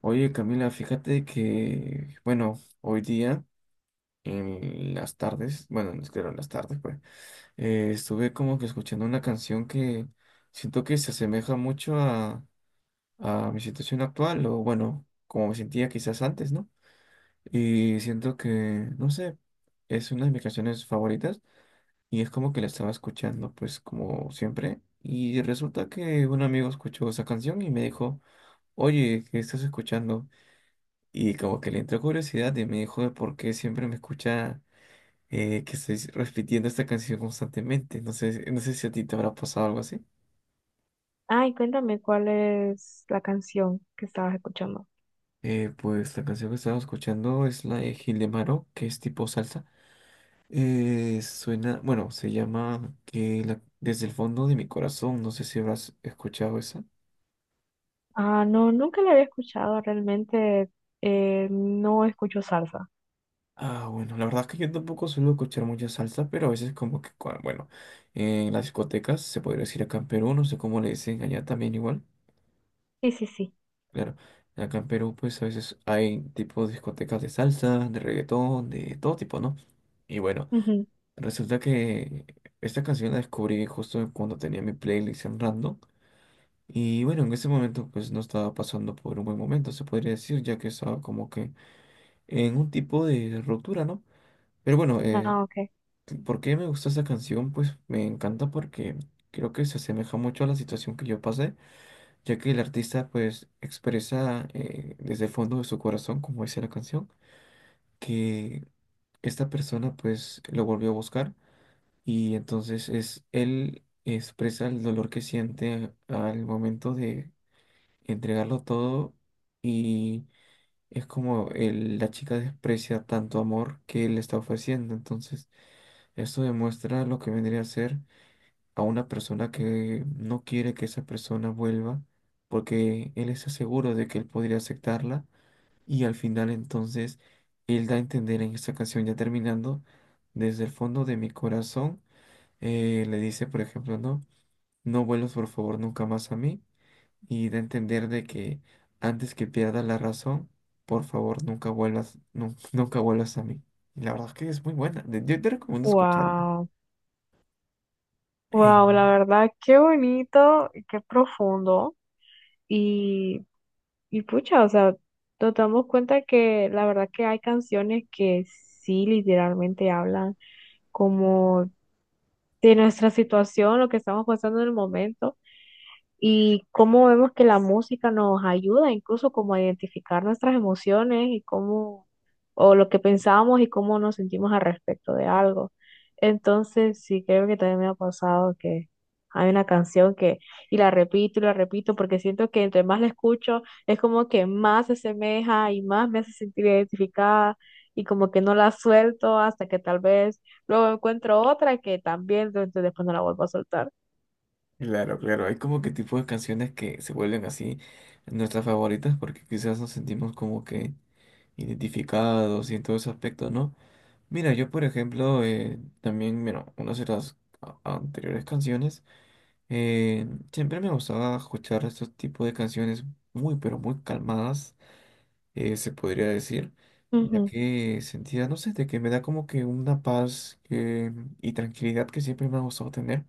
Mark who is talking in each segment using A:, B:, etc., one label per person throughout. A: Oye, Camila, fíjate que, bueno, hoy día en las tardes, bueno, no es que en las tardes, pues, estuve como que escuchando una canción que siento que se asemeja mucho a mi situación actual, o bueno, como me sentía quizás antes, ¿no? Y siento que, no sé, es una de mis canciones favoritas y es como que la estaba escuchando, pues, como siempre. Y resulta que un amigo escuchó esa canción y me dijo, oye, ¿qué estás escuchando? Y como que le entró curiosidad y me dijo de por qué siempre me escucha que estoy repitiendo esta canción constantemente. No sé, si a ti te habrá pasado algo así.
B: Ay, cuéntame cuál es la canción que estabas escuchando.
A: Pues la canción que estaba escuchando es la de Gil de Maro, que es tipo salsa. Suena, bueno, se llama Desde el fondo de mi corazón. No sé si habrás escuchado esa.
B: Ah, no, nunca la había escuchado, realmente no escucho salsa.
A: Ah, bueno, la verdad es que yo tampoco suelo escuchar mucha salsa, pero a veces como que, bueno, en las discotecas, se podría decir acá en Perú, no sé cómo le dicen allá también igual.
B: Sí, sí, sí.
A: Claro, acá en Perú pues a veces hay tipo discotecas de salsa, de reggaetón, de todo tipo, ¿no? Y bueno,
B: Ujú.
A: resulta que esta canción la descubrí justo cuando tenía mi playlist en random. Y bueno, en ese momento pues no estaba pasando por un buen momento, se podría decir, ya que estaba como que en un tipo de ruptura, ¿no? Pero bueno,
B: Ah, ok.
A: ¿por qué me gusta esa canción? Pues me encanta porque creo que se asemeja mucho a la situación que yo pasé ya que el artista pues expresa desde el fondo de su corazón, como dice la canción, que esta persona pues lo volvió a buscar y entonces es él expresa el dolor que siente al momento de entregarlo todo y es como la chica desprecia tanto amor que él le está ofreciendo, entonces esto demuestra lo que vendría a ser a una persona que no quiere que esa persona vuelva porque él está seguro de que él podría aceptarla y al final entonces él da a entender en esta canción ya terminando desde el fondo de mi corazón le dice por ejemplo no vuelvas por favor nunca más a mí y da a entender de que antes que pierda la razón por favor nunca vuelvas nunca vuelvas a mí y la verdad es que es muy buena yo te recomiendo escucharla.
B: Wow, wow, la verdad, qué bonito, y qué profundo. Y, y pucha, o sea, nos damos cuenta que la verdad que hay canciones que sí literalmente hablan como de nuestra situación, lo que estamos pasando en el momento. Y cómo vemos que la música nos ayuda incluso como a identificar nuestras emociones y cómo, o lo que pensamos y cómo nos sentimos al respecto de algo. Entonces, sí, creo que también me ha pasado que hay y la repito, porque siento que entre más la escucho, es como que más se asemeja y más me hace sentir identificada. Y como que no la suelto hasta que tal vez luego encuentro otra que también, entonces después no la vuelvo a soltar.
A: Claro, claro, hay como que tipos de canciones que se vuelven así nuestras favoritas porque quizás nos sentimos como que identificados y en todo ese aspecto, ¿no? Mira, yo por ejemplo, también, bueno, unas de las anteriores canciones, eh, siempre me gustaba escuchar estos tipos de canciones muy, pero muy calmadas, se podría decir, ya
B: Ujú.
A: que sentía, no sé, de que me da como que una paz y tranquilidad que siempre me ha gustado tener.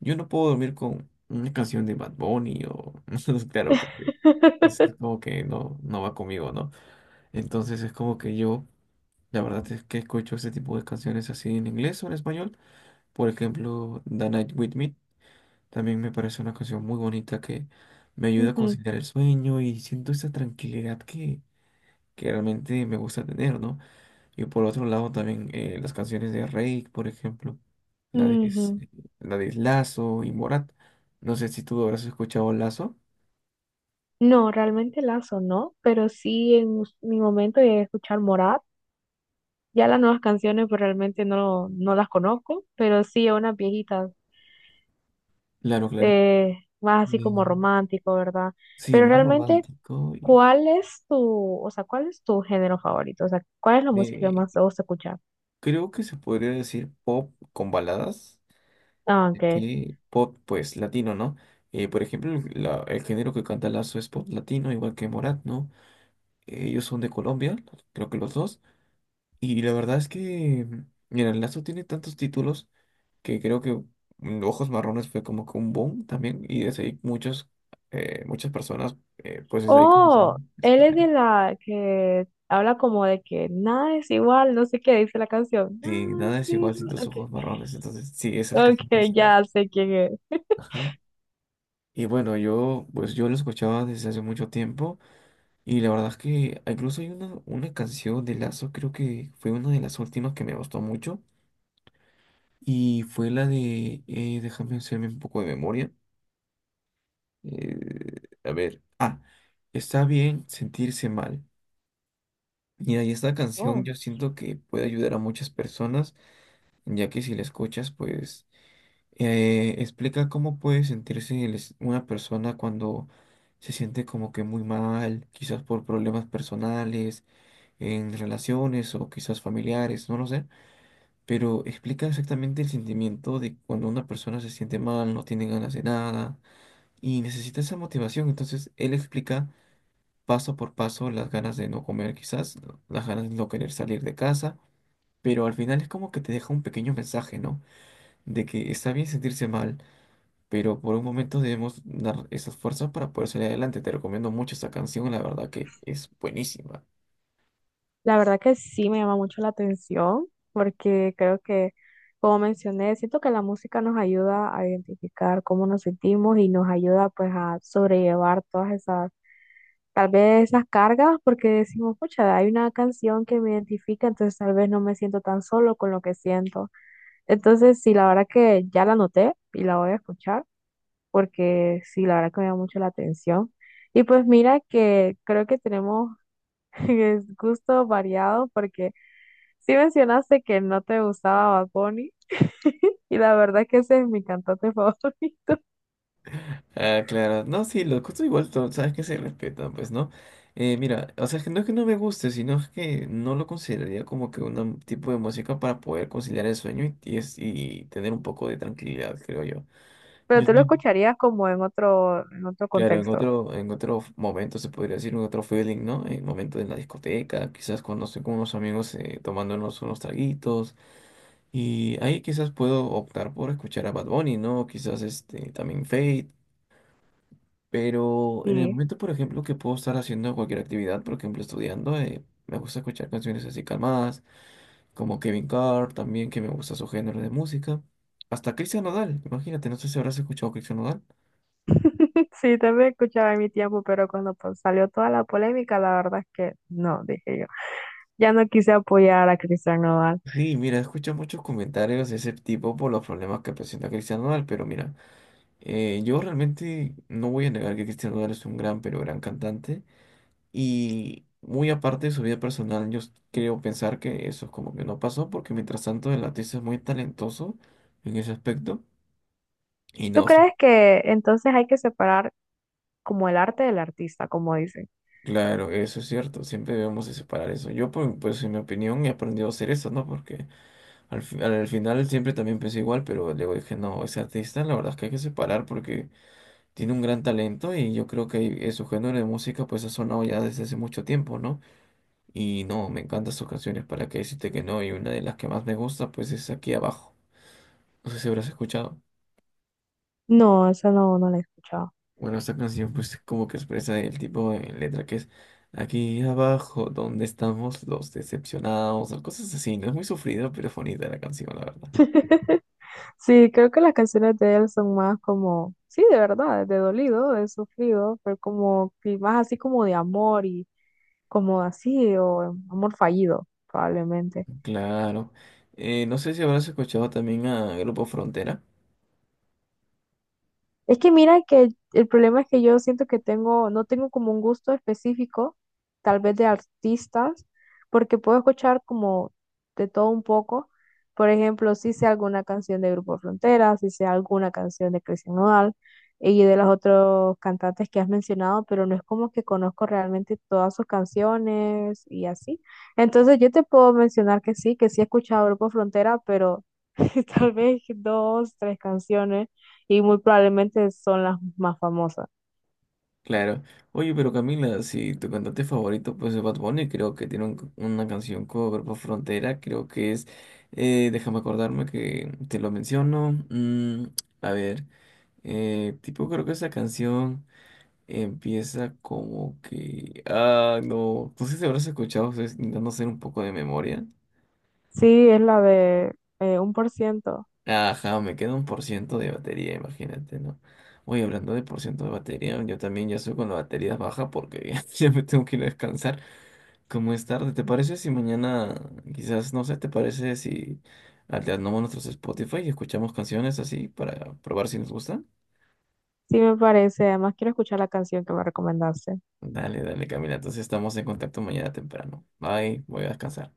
A: Yo no puedo dormir con una canción de Bad Bunny o, claro, porque es como que no, no va conmigo, ¿no? Entonces es como que yo, la verdad es que escucho ese tipo de canciones así en inglés o en español. Por ejemplo, The Night With Me también me parece una canción muy bonita que me ayuda a
B: Ujú,
A: conciliar el sueño y siento esa tranquilidad que realmente me gusta tener, ¿no? Y por otro lado también las canciones de Reik, por ejemplo, la
B: ujú.
A: la de Lazo y Morat. No sé si tú habrás escuchado Lazo.
B: No, realmente Lazo no, pero sí en us- mi momento llegué a escuchar Morat. Ya las nuevas canciones pues realmente no, no las conozco, pero sí a unas viejitas,
A: Claro, claro.
B: más así como
A: Eh,
B: romántico, ¿verdad?
A: sí,
B: Pero
A: más
B: realmente,
A: romántico y
B: ¿cuál es tu, o sea, cuál es tu género favorito? O sea, ¿cuál es la música que
A: de-
B: más te gusta escuchar?
A: creo que se podría decir pop con baladas,
B: Ah,
A: ya
B: ok.
A: que pop pues latino, ¿no? Por ejemplo, el el género que canta Lazo es pop latino, igual que Morat, ¿no? Ellos son de Colombia, creo que los dos. Y la verdad es que, mira, el Lazo tiene tantos títulos que creo que Ojos Marrones fue como que un boom también. Y desde ahí muchos, muchas personas, pues desde ahí
B: Oh,
A: comenzaron a
B: él es
A: escuchar.
B: de la que habla como de que nada es igual, no sé qué dice la canción.
A: Sí,
B: Nada
A: nada
B: es
A: es igual sin
B: igual.
A: tus
B: Ok.
A: ojos marrones. Entonces, sí, esa es
B: Ok,
A: casi que es el Lazo.
B: ya sé quién es.
A: Ajá. Y bueno, yo, pues yo lo escuchaba desde hace mucho tiempo. Y la verdad es que incluso hay una canción de Lazo, creo que fue una de las últimas que me gustó mucho. Y fue la de, déjame hacerme un poco de memoria. A ver, ah, está bien sentirse mal. Mira, y esta canción
B: Oh,
A: yo siento que puede ayudar a muchas personas, ya que si la escuchas, pues explica cómo puede sentirse una persona cuando se siente como que muy mal, quizás por problemas personales, en relaciones o quizás familiares, no lo sé, pero explica exactamente el sentimiento de cuando una persona se siente mal, no tiene ganas de nada y necesita esa motivación. Entonces, él explica paso por paso las ganas de no comer quizás, las ganas de no querer salir de casa, pero al final es como que te deja un pequeño mensaje, ¿no? De que está bien sentirse mal, pero por un momento debemos dar esas fuerzas para poder salir adelante. Te recomiendo mucho esta canción, la verdad que es buenísima.
B: la verdad que sí me llama mucho la atención porque creo que, como mencioné, siento que la música nos ayuda a identificar cómo nos sentimos y nos ayuda pues a sobrellevar todas esas, tal vez esas cargas porque decimos, pucha, hay una canción que me identifica, entonces tal vez no me siento tan solo con lo que siento. Entonces, sí, la verdad que ya la anoté y la voy a escuchar porque sí, la verdad que me llama mucho la atención. Y pues mira que creo que tenemos es gusto variado porque sí mencionaste que no te gustaba Bad Bunny y la verdad que ese es mi cantante favorito.
A: Ah, claro, no, sí, los gustos igual, sabes que se respetan, pues, ¿no? Mira, o sea, es que no me guste, sino es que no lo consideraría como que un tipo de música para poder conciliar el sueño y y tener un poco de tranquilidad, creo yo.
B: Pero
A: Yo
B: tú lo
A: soy
B: escucharías como en otro
A: claro,
B: contexto.
A: en otro momento se podría decir, en otro feeling, ¿no? En momento en la discoteca, quizás cuando estoy con unos amigos tomándonos unos traguitos. Y ahí quizás puedo optar por escuchar a Bad Bunny, ¿no? Quizás este, también Fate. Pero en el
B: Sí,
A: momento, por ejemplo, que puedo estar haciendo cualquier actividad, por ejemplo, estudiando, me gusta escuchar canciones así calmadas, como Kevin Carr, también que me gusta su género de música. Hasta Cristian Nodal, imagínate, no sé si habrás escuchado a Cristian Nodal.
B: sí, también escuchaba en mi tiempo, pero cuando pues, salió toda la polémica, la verdad es que no, dije yo. Ya no quise apoyar a Cristian Nodal.
A: Sí, mira, escucho muchos comentarios de ese tipo por los problemas que presenta Cristian Nodal, pero mira, yo realmente no voy a negar que Cristian Nodal es un gran, pero gran cantante, y muy aparte de su vida personal, creo pensar que eso es como que no pasó, porque mientras tanto el artista es muy talentoso en ese aspecto, y
B: ¿Tú
A: no,
B: crees que entonces hay que separar como el arte del artista, como dicen?
A: claro, eso es cierto, siempre debemos de separar eso. Yo, pues, en mi opinión, he aprendido a hacer eso, ¿no? Porque al final siempre también pensé igual, pero luego dije, no, ese artista la verdad es que hay que separar porque tiene un gran talento y yo creo que su género de música pues ha sonado ya desde hace mucho tiempo, ¿no? Y no, me encantan sus canciones, ¿para qué decirte que no? Y una de las que más me gusta pues es Aquí Abajo. No sé si habrás escuchado.
B: No, eso no, no lo he escuchado.
A: Bueno, esta canción pues como que expresa el tipo de letra que es aquí abajo, donde estamos los decepcionados, o cosas así, ¿no? Es muy sufrido, pero es bonita la canción, la verdad.
B: Sí, creo que las canciones de él son más como, sí, de verdad, de dolido, de sufrido, pero como que más así como de amor y como así, o amor fallido, probablemente.
A: Claro. No sé si habrás escuchado también a Grupo Frontera.
B: Es que mira que el problema es que yo siento que tengo, no tengo como un gusto específico, tal vez de artistas, porque puedo escuchar como de todo un poco. Por ejemplo, si sé alguna canción de Grupo Frontera, si sé alguna canción de Christian Nodal y de los otros cantantes que has mencionado, pero no es como que conozco realmente todas sus canciones y así. Entonces yo te puedo mencionar que sí he escuchado Grupo Frontera, pero tal vez dos, tres canciones y muy probablemente son las más famosas.
A: Claro. Oye, pero Camila, si tu cantante favorito pues es Bad Bunny, creo que tiene una canción cover por Frontera, creo que es, déjame acordarme que te lo menciono. A ver, tipo creo que esa canción empieza como que... Ah, no, no sé si habrás escuchado, estoy intentando hacer un poco de memoria.
B: Sí, es la de 1%.
A: Ajá, me queda 1% de batería, imagínate, ¿no? Oye, hablando de por ciento de batería, yo también ya soy con la batería baja porque ya me tengo que ir a descansar. Como es tarde, ¿te parece si mañana, quizás, no sé, ¿te parece si alternamos nuestros Spotify y escuchamos canciones así para probar si nos gustan?
B: Sí, me parece. Además, quiero escuchar la canción que me recomendaste.
A: Dale, dale, Camila. Entonces estamos en contacto mañana temprano. Bye, voy a descansar.